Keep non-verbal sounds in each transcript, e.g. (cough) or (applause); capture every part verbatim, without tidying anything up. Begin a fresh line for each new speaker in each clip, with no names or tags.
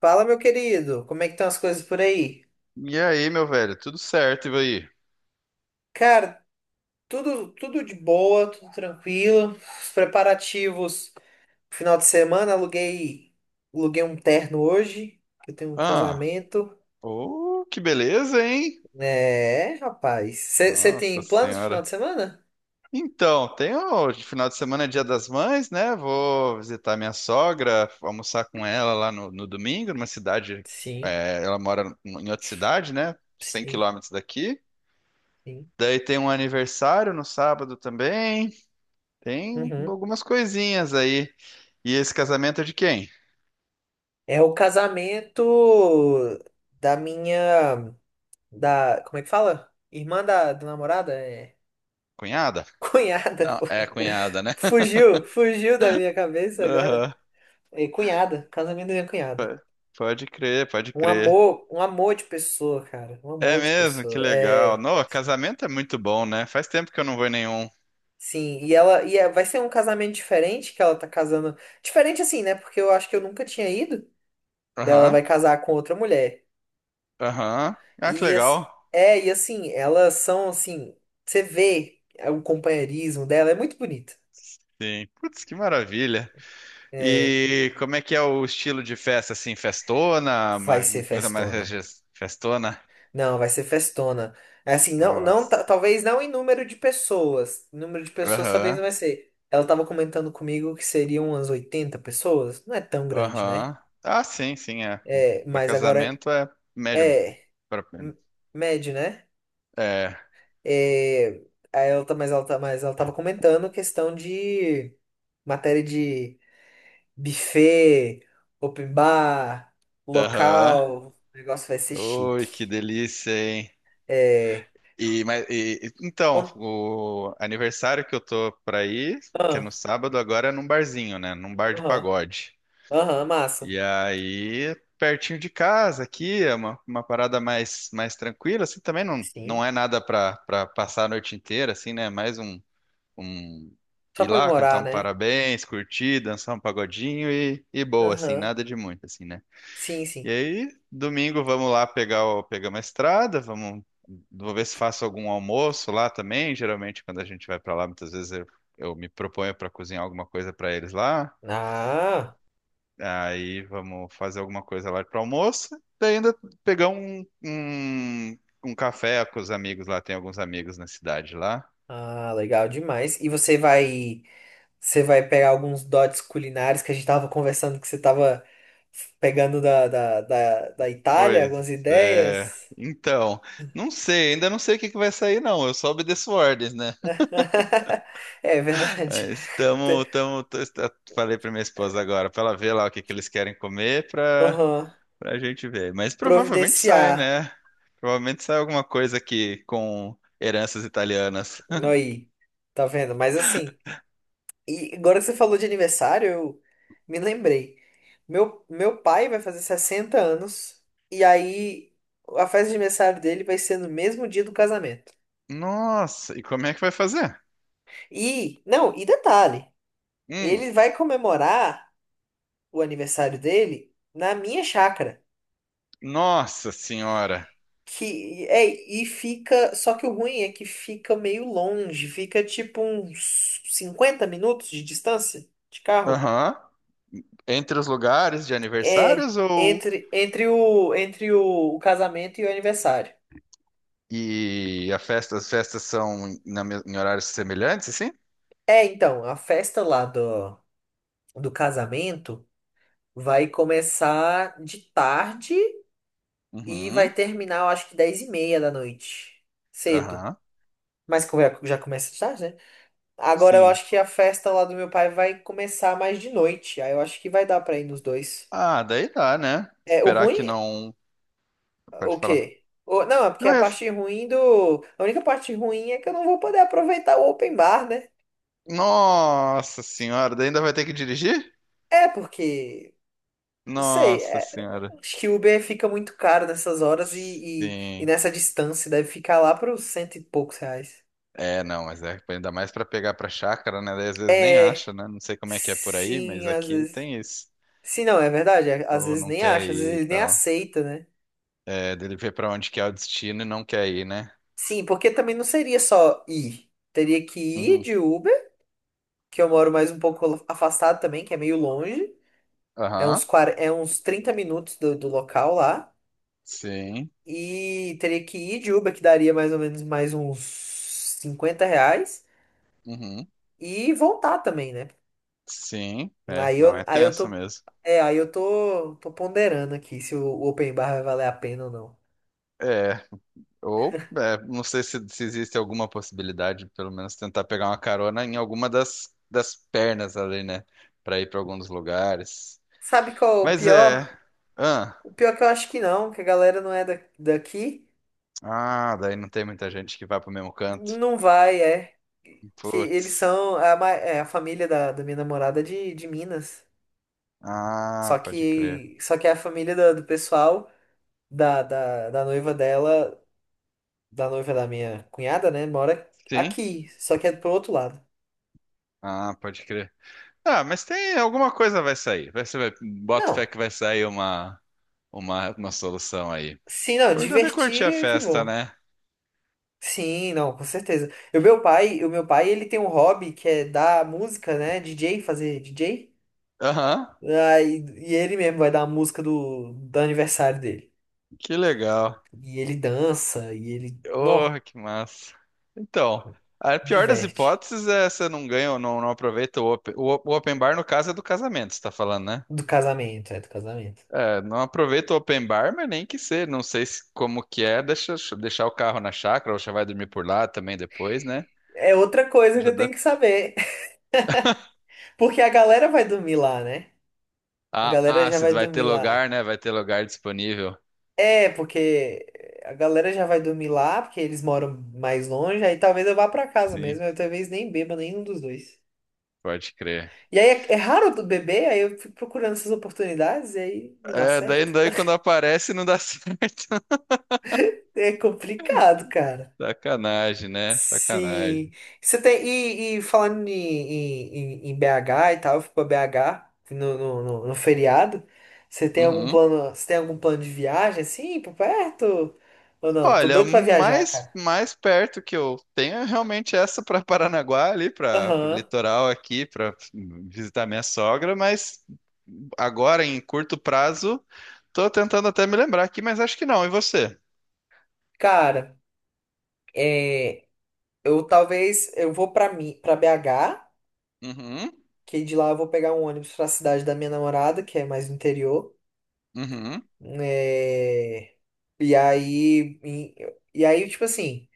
Fala, meu querido, como é que estão as coisas por aí?
E aí, meu velho, tudo certo, e aí?
Cara, tudo tudo de boa, tudo tranquilo. Os preparativos, final de semana, aluguei aluguei um terno hoje, que eu tenho um
Ah,
casamento.
oh, que beleza, hein?
É, rapaz. Você
Nossa
tem planos pro final
Senhora.
de semana?
Então, tem o final de semana é Dia das Mães, né? Vou visitar minha sogra, almoçar com ela lá no, no domingo, numa cidade.
Sim,
É, ela mora em outra cidade, né? Cem
sim,
quilômetros daqui.
sim.
Daí tem um aniversário no sábado também. Tem
Uhum.
algumas coisinhas aí. E esse casamento é de quem?
É o casamento da minha da, como é que fala? Irmã da, da namorada? é.
Cunhada?
Cunhada,
Não,
pô.
é cunhada, né?
Fugiu, fugiu da minha
(laughs)
cabeça agora.
Aham.
E cunhada, casamento da minha cunhada.
P- Pode crer, pode
Um
crer.
amor, um amor de pessoa, cara. Um
É
amor de
mesmo, que
pessoa.
legal.
É,
No casamento é muito bom, né? Faz tempo que eu não vou em nenhum.
sim, e ela e é- vai ser um casamento diferente que ela tá casando. Diferente assim, né? Porque eu acho que eu nunca tinha ido. Ela
Aham,
vai casar com outra mulher.
aham. Ah, que
E assim,
legal.
é, e assim, elas são assim, você vê é, o companheirismo dela, é muito bonito.
Sim. Putz, que maravilha.
É,
E como é que é o estilo de festa, assim? Festona? Uma
vai ser
uma coisa mais
festona.
rege- festona?
Não, vai ser festona. É Assim, não, não, ta-
Nossa.
talvez não em número de pessoas. Número de pessoas talvez
Aham,
não vai ser. Ela tava comentando comigo que seriam umas oitenta pessoas. Não é tão grande, né?
aham. Ah, sim, sim, é.
É,
Para
mas agora
casamento é médio.
é
pra-
m- médio, né?
É.
É, aí ela tá, mas ela tá, mas ela tava comentando questão de matéria de buffet, open bar,
Aham.
local. O negócio vai ser chique.
Oi, que delícia, hein?
É,
E, mas, e- e- então,
on-
o aniversário que eu tô pra ir, que é
ah,
no sábado, agora é num barzinho, né? Num bar de
aham,
pagode.
aham, massa.
E aí, pertinho de casa aqui, é uma, uma parada mais, mais tranquila, assim, também não,
Sim.
não é nada pra, pra passar a noite inteira, assim, né? Mais um, um
Só
ir lá, cantar
comemorar,
um
né?
parabéns, curtir, dançar um pagodinho e, e boa, assim,
Aham.
nada de muito, assim, né?
Sim,
E
sim.
aí, domingo vamos lá pegar, o, pegar uma estrada, vamos, vou ver se faço algum almoço lá também. Geralmente, quando a gente vai para lá, muitas vezes eu, eu me proponho para cozinhar alguma coisa para eles lá.
Ah,
Aí vamos fazer alguma coisa lá para almoço. Daí ainda pegar um, um, um café com os amigos lá. Tem alguns amigos na cidade lá.
ah, legal demais. E você vai, você vai pegar alguns dotes culinários que a gente tava conversando que você tava pegando da, da, da, da Itália, algumas
Pois é.
ideias.
Então, não sei, ainda não sei o que que vai sair, não. Eu só obedeço ordens, né?
(laughs) É verdade.
É,
Te-
Estamos, estamos, falei para minha esposa agora, para ela ver lá o que que eles querem comer para
Aham.
para a gente ver. Mas provavelmente sai,
Providenciar.
né? Provavelmente sai alguma coisa aqui com heranças italianas.
Aí. Tá vendo? Mas assim. E agora que você falou de aniversário, eu me lembrei. Meu, meu pai vai fazer sessenta anos, e aí a festa de aniversário dele vai ser no mesmo dia do casamento.
Nossa, e como é que vai fazer?
E, não, e detalhe,
Hum.
ele vai comemorar o aniversário dele na minha chácara.
Nossa senhora.
Que é, e fica, só que o ruim é que fica meio longe, fica tipo uns cinquenta minutos de distância de carro.
Aham. Entre os lugares de
É,
aniversários ou
entre, entre o, entre o o casamento e o aniversário.
e a festa, as festas são na mes- em horários semelhantes, assim?
É, então, a festa lá do, do casamento vai começar de tarde e vai
Uhum.
terminar, eu acho que dez e meia da noite. Cedo.
Aham.
Mas como já já começa de tarde, né? Agora eu
Sim.
acho que a festa lá do meu pai vai começar mais de noite. Aí eu acho que vai dar pra ir nos dois.
Ah, daí dá, né?
É, o
Esperar
ruim,
que não. Pode
o
falar.
quê? O- não, é porque
Não
a
é.
parte ruim do. A única parte ruim é que eu não vou poder aproveitar o open bar, né?
Nossa senhora, daí ainda vai ter que dirigir?
É, porque não sei,
Nossa
é,
senhora.
acho que Uber fica muito caro nessas horas e, e, e
Sim.
nessa distância deve ficar lá para os cento e poucos reais.
É, não, mas é ainda mais pra pegar pra chácara, né? Daí às vezes nem
É,
acha, né? Não sei como é que é por aí,
sim,
mas
às
aqui
vezes.
tem isso.
Sim, não, é verdade. é,
O
Às
povo
vezes
não
nem
quer
acha, às vezes
ir e
ele nem
tal.
aceita, né?
É, dele ver pra onde que é o destino e não quer ir, né?
Sim, porque também não seria só ir. Teria que ir
Uhum.
de Uber, que eu moro mais um pouco afastado também, que é meio longe. É
Aham.
uns, quarenta é uns trinta minutos do, do local lá.
Sim.
E teria que ir de Uber, que daria mais ou menos mais uns cinquenta reais.
Uhum.
E voltar também, né?
Sim. É,
Aí
não
eu,
é
aí eu
tenso
tô.
mesmo.
É, aí eu tô, tô ponderando aqui se o, o open bar vai valer a pena ou não.
É. Ou, é, não sei se, se existe alguma possibilidade, pelo menos tentar pegar uma carona em alguma das, das pernas ali, né? Pra ir pra algum dos lugares.
Sabe qual é o
Mas é.
pior?
Ah,
O pior é que eu acho que não, que a galera não é da, daqui.
ah, daí não tem muita gente que vai pro mesmo canto.
Não vai, é. Que eles
Putz.
são a, ma- é, a família da, da minha namorada é de, de Minas. Só
Ah, pode crer.
que, só que é a família do, do pessoal da, da, da noiva dela, da noiva da minha cunhada, né? Mora
Sim?
aqui. Só que é pro outro lado.
Ah, pode crer. Ah, mas tem alguma coisa vai sair. Vai ser, vai- bota
Não.
fé que vai sair uma, uma, uma solução aí. O
Sim, não,
importante é curtir
divertir
a
é que
festa,
vou.
né?
Sim, não, com certeza. E o meu pai, o meu pai, ele tem um hobby que é dar música, né? D J, fazer D J.
Aham,
Ah, e, e ele mesmo vai dar a música do, do aniversário dele.
que legal.
E ele dança, e ele,
Oh,
nó,
que massa. Então, a pior das
diverte.
hipóteses é você não ganha ou não, não aproveita o open, o, o open bar, no caso, é do casamento, você tá falando, né?
Do casamento, é do casamento.
É, não aproveita o open bar, mas nem que ser. Não sei se, como que é, deixa, deixar o carro na chácara, ou já vai dormir por lá também depois, né?
É outra coisa que
Já
eu
dá-
tenho que saber, (laughs) porque a galera vai dormir lá, né? A
Ah,
galera
ah,
já
se
vai
vai ter
dormir
lugar,
lá.
né? Vai ter lugar disponível.
É, porque a galera já vai dormir lá, porque eles moram mais longe, aí talvez eu vá pra casa
Sim,
mesmo, eu talvez nem beba nenhum dos dois.
pode crer.
E aí é, é raro do bebê, aí eu fico procurando essas oportunidades e aí não dá
É, daí,
certo.
daí
(laughs)
quando aparece não dá (laughs) certo.
É complicado, cara.
Sacanagem, né?
Sim.
Sacanagem.
Você tem, e, e falando em, em, em em B H e tal, eu fui pra B H no, no, no, no feriado. Você tem algum
Uhum.
plano, você tem algum plano de viagem assim, por perto? Ou não? Tô
Olha,
doido pra viajar,
mais,
cara.
mais perto que eu tenho é realmente essa para Paranaguá, ali para o
Aham.
litoral aqui, para visitar minha sogra, mas agora em curto prazo, tô tentando até me lembrar aqui, mas acho que não. E você?
Cara, é, eu talvez eu vou pra mim, para B H,
Uhum,
que de lá eu vou pegar um ônibus pra cidade da minha namorada, que é mais no interior.
uhum,
É, E aí, em- e aí, tipo assim,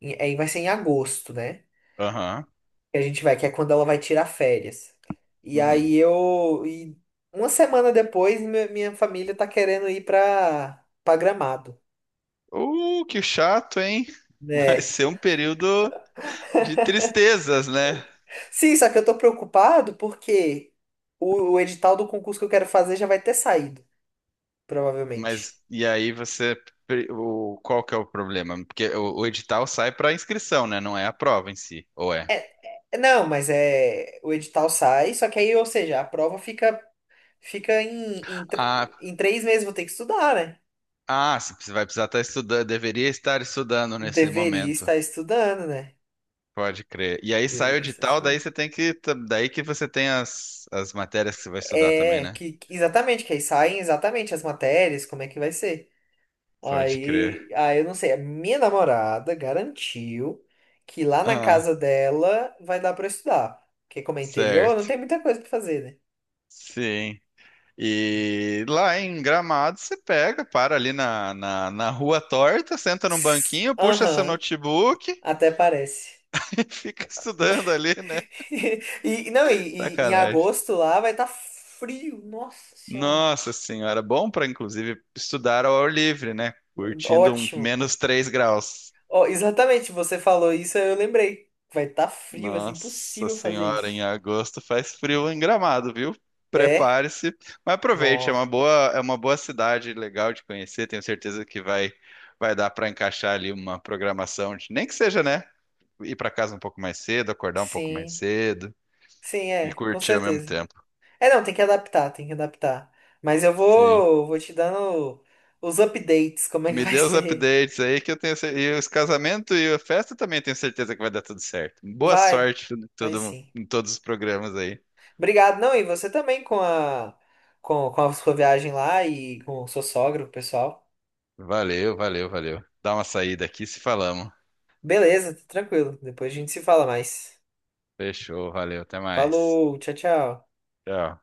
em- aí vai ser em agosto, né?
aham,
Que a gente vai, que é quando ela vai tirar férias. E
uhum.
aí eu, e uma semana depois, mi- minha família tá querendo ir pra, pra Gramado,
Uh, que chato, hein? (laughs) Vai
né?
ser um período de tristezas, né?
Sim, só que eu tô preocupado porque o, o edital do concurso que eu quero fazer já vai ter saído, provavelmente.
Mas e aí você, o, qual que é o problema? Porque o, o edital sai para inscrição, né? Não é a prova em si, ou é?
É, é- não, mas é, o edital sai, só que aí, ou seja, a prova fica Fica em, em,
Ah,
tre- em três meses vou ter que estudar, né?
ah, você vai precisar estar estudando, deveria estar estudando nesse
Deveria
momento.
estar estudando, né?
Pode crer. E aí sai o
Deveria estar
edital,
estudando.
daí você tem que, daí que você tem as, as matérias que você vai estudar também,
É,
né?
que, que- exatamente, que aí saem exatamente as matérias, como é que vai ser.
Pode crer.
Aí, aí eu não sei, a minha namorada garantiu que lá na
Ah,
casa dela vai dar pra estudar. Porque como é interior, não
certo.
tem muita coisa pra fazer, né? (laughs)
Sim. E lá em Gramado você pega, para ali na, na, na rua torta, senta num
Tss,
banquinho, puxa seu
aham,
notebook (laughs)
até parece.
e fica estudando ali, né?
(laughs) E e não, e, e em
Sacanagem.
agosto lá vai estar frio, nossa senhora.
Nossa senhora, bom para inclusive estudar ao ar livre, né? Curtindo um
Ótimo.
menos três graus.
Ó, exatamente, você falou isso, aí eu lembrei. Vai estar frio, vai ser
Nossa
impossível fazer
senhora, em
isso.
agosto faz frio em Gramado, viu?
É?
Prepare-se, mas aproveite, é
Nó.
uma boa, é uma boa cidade legal de conhecer, tenho certeza que vai vai dar para encaixar ali uma programação, de- nem que seja, né? Ir para casa um pouco mais cedo, acordar um pouco mais
Sim,
cedo
sim,
e
é, com
curtir ao mesmo
certeza.
tempo.
É, não, tem que adaptar, tem que adaptar. Mas eu
Sim.
vou, vou te dando os updates, como é que
Me
vai (laughs)
dê os
ser.
updates aí que eu tenho cer- e os casamentos e a festa também tenho certeza que vai dar tudo certo. Boa
Vai,
sorte em
vai
todo,
sim.
em todos os programas aí.
Obrigado, não, e você também com a, com, com a sua viagem lá e com o seu sogro, pessoal.
Valeu, valeu, valeu. Dá uma saída aqui se falamos.
Beleza, tranquilo. Depois a gente se fala mais.
Fechou, valeu, até mais.
Falou, tchau, tchau.
Tchau.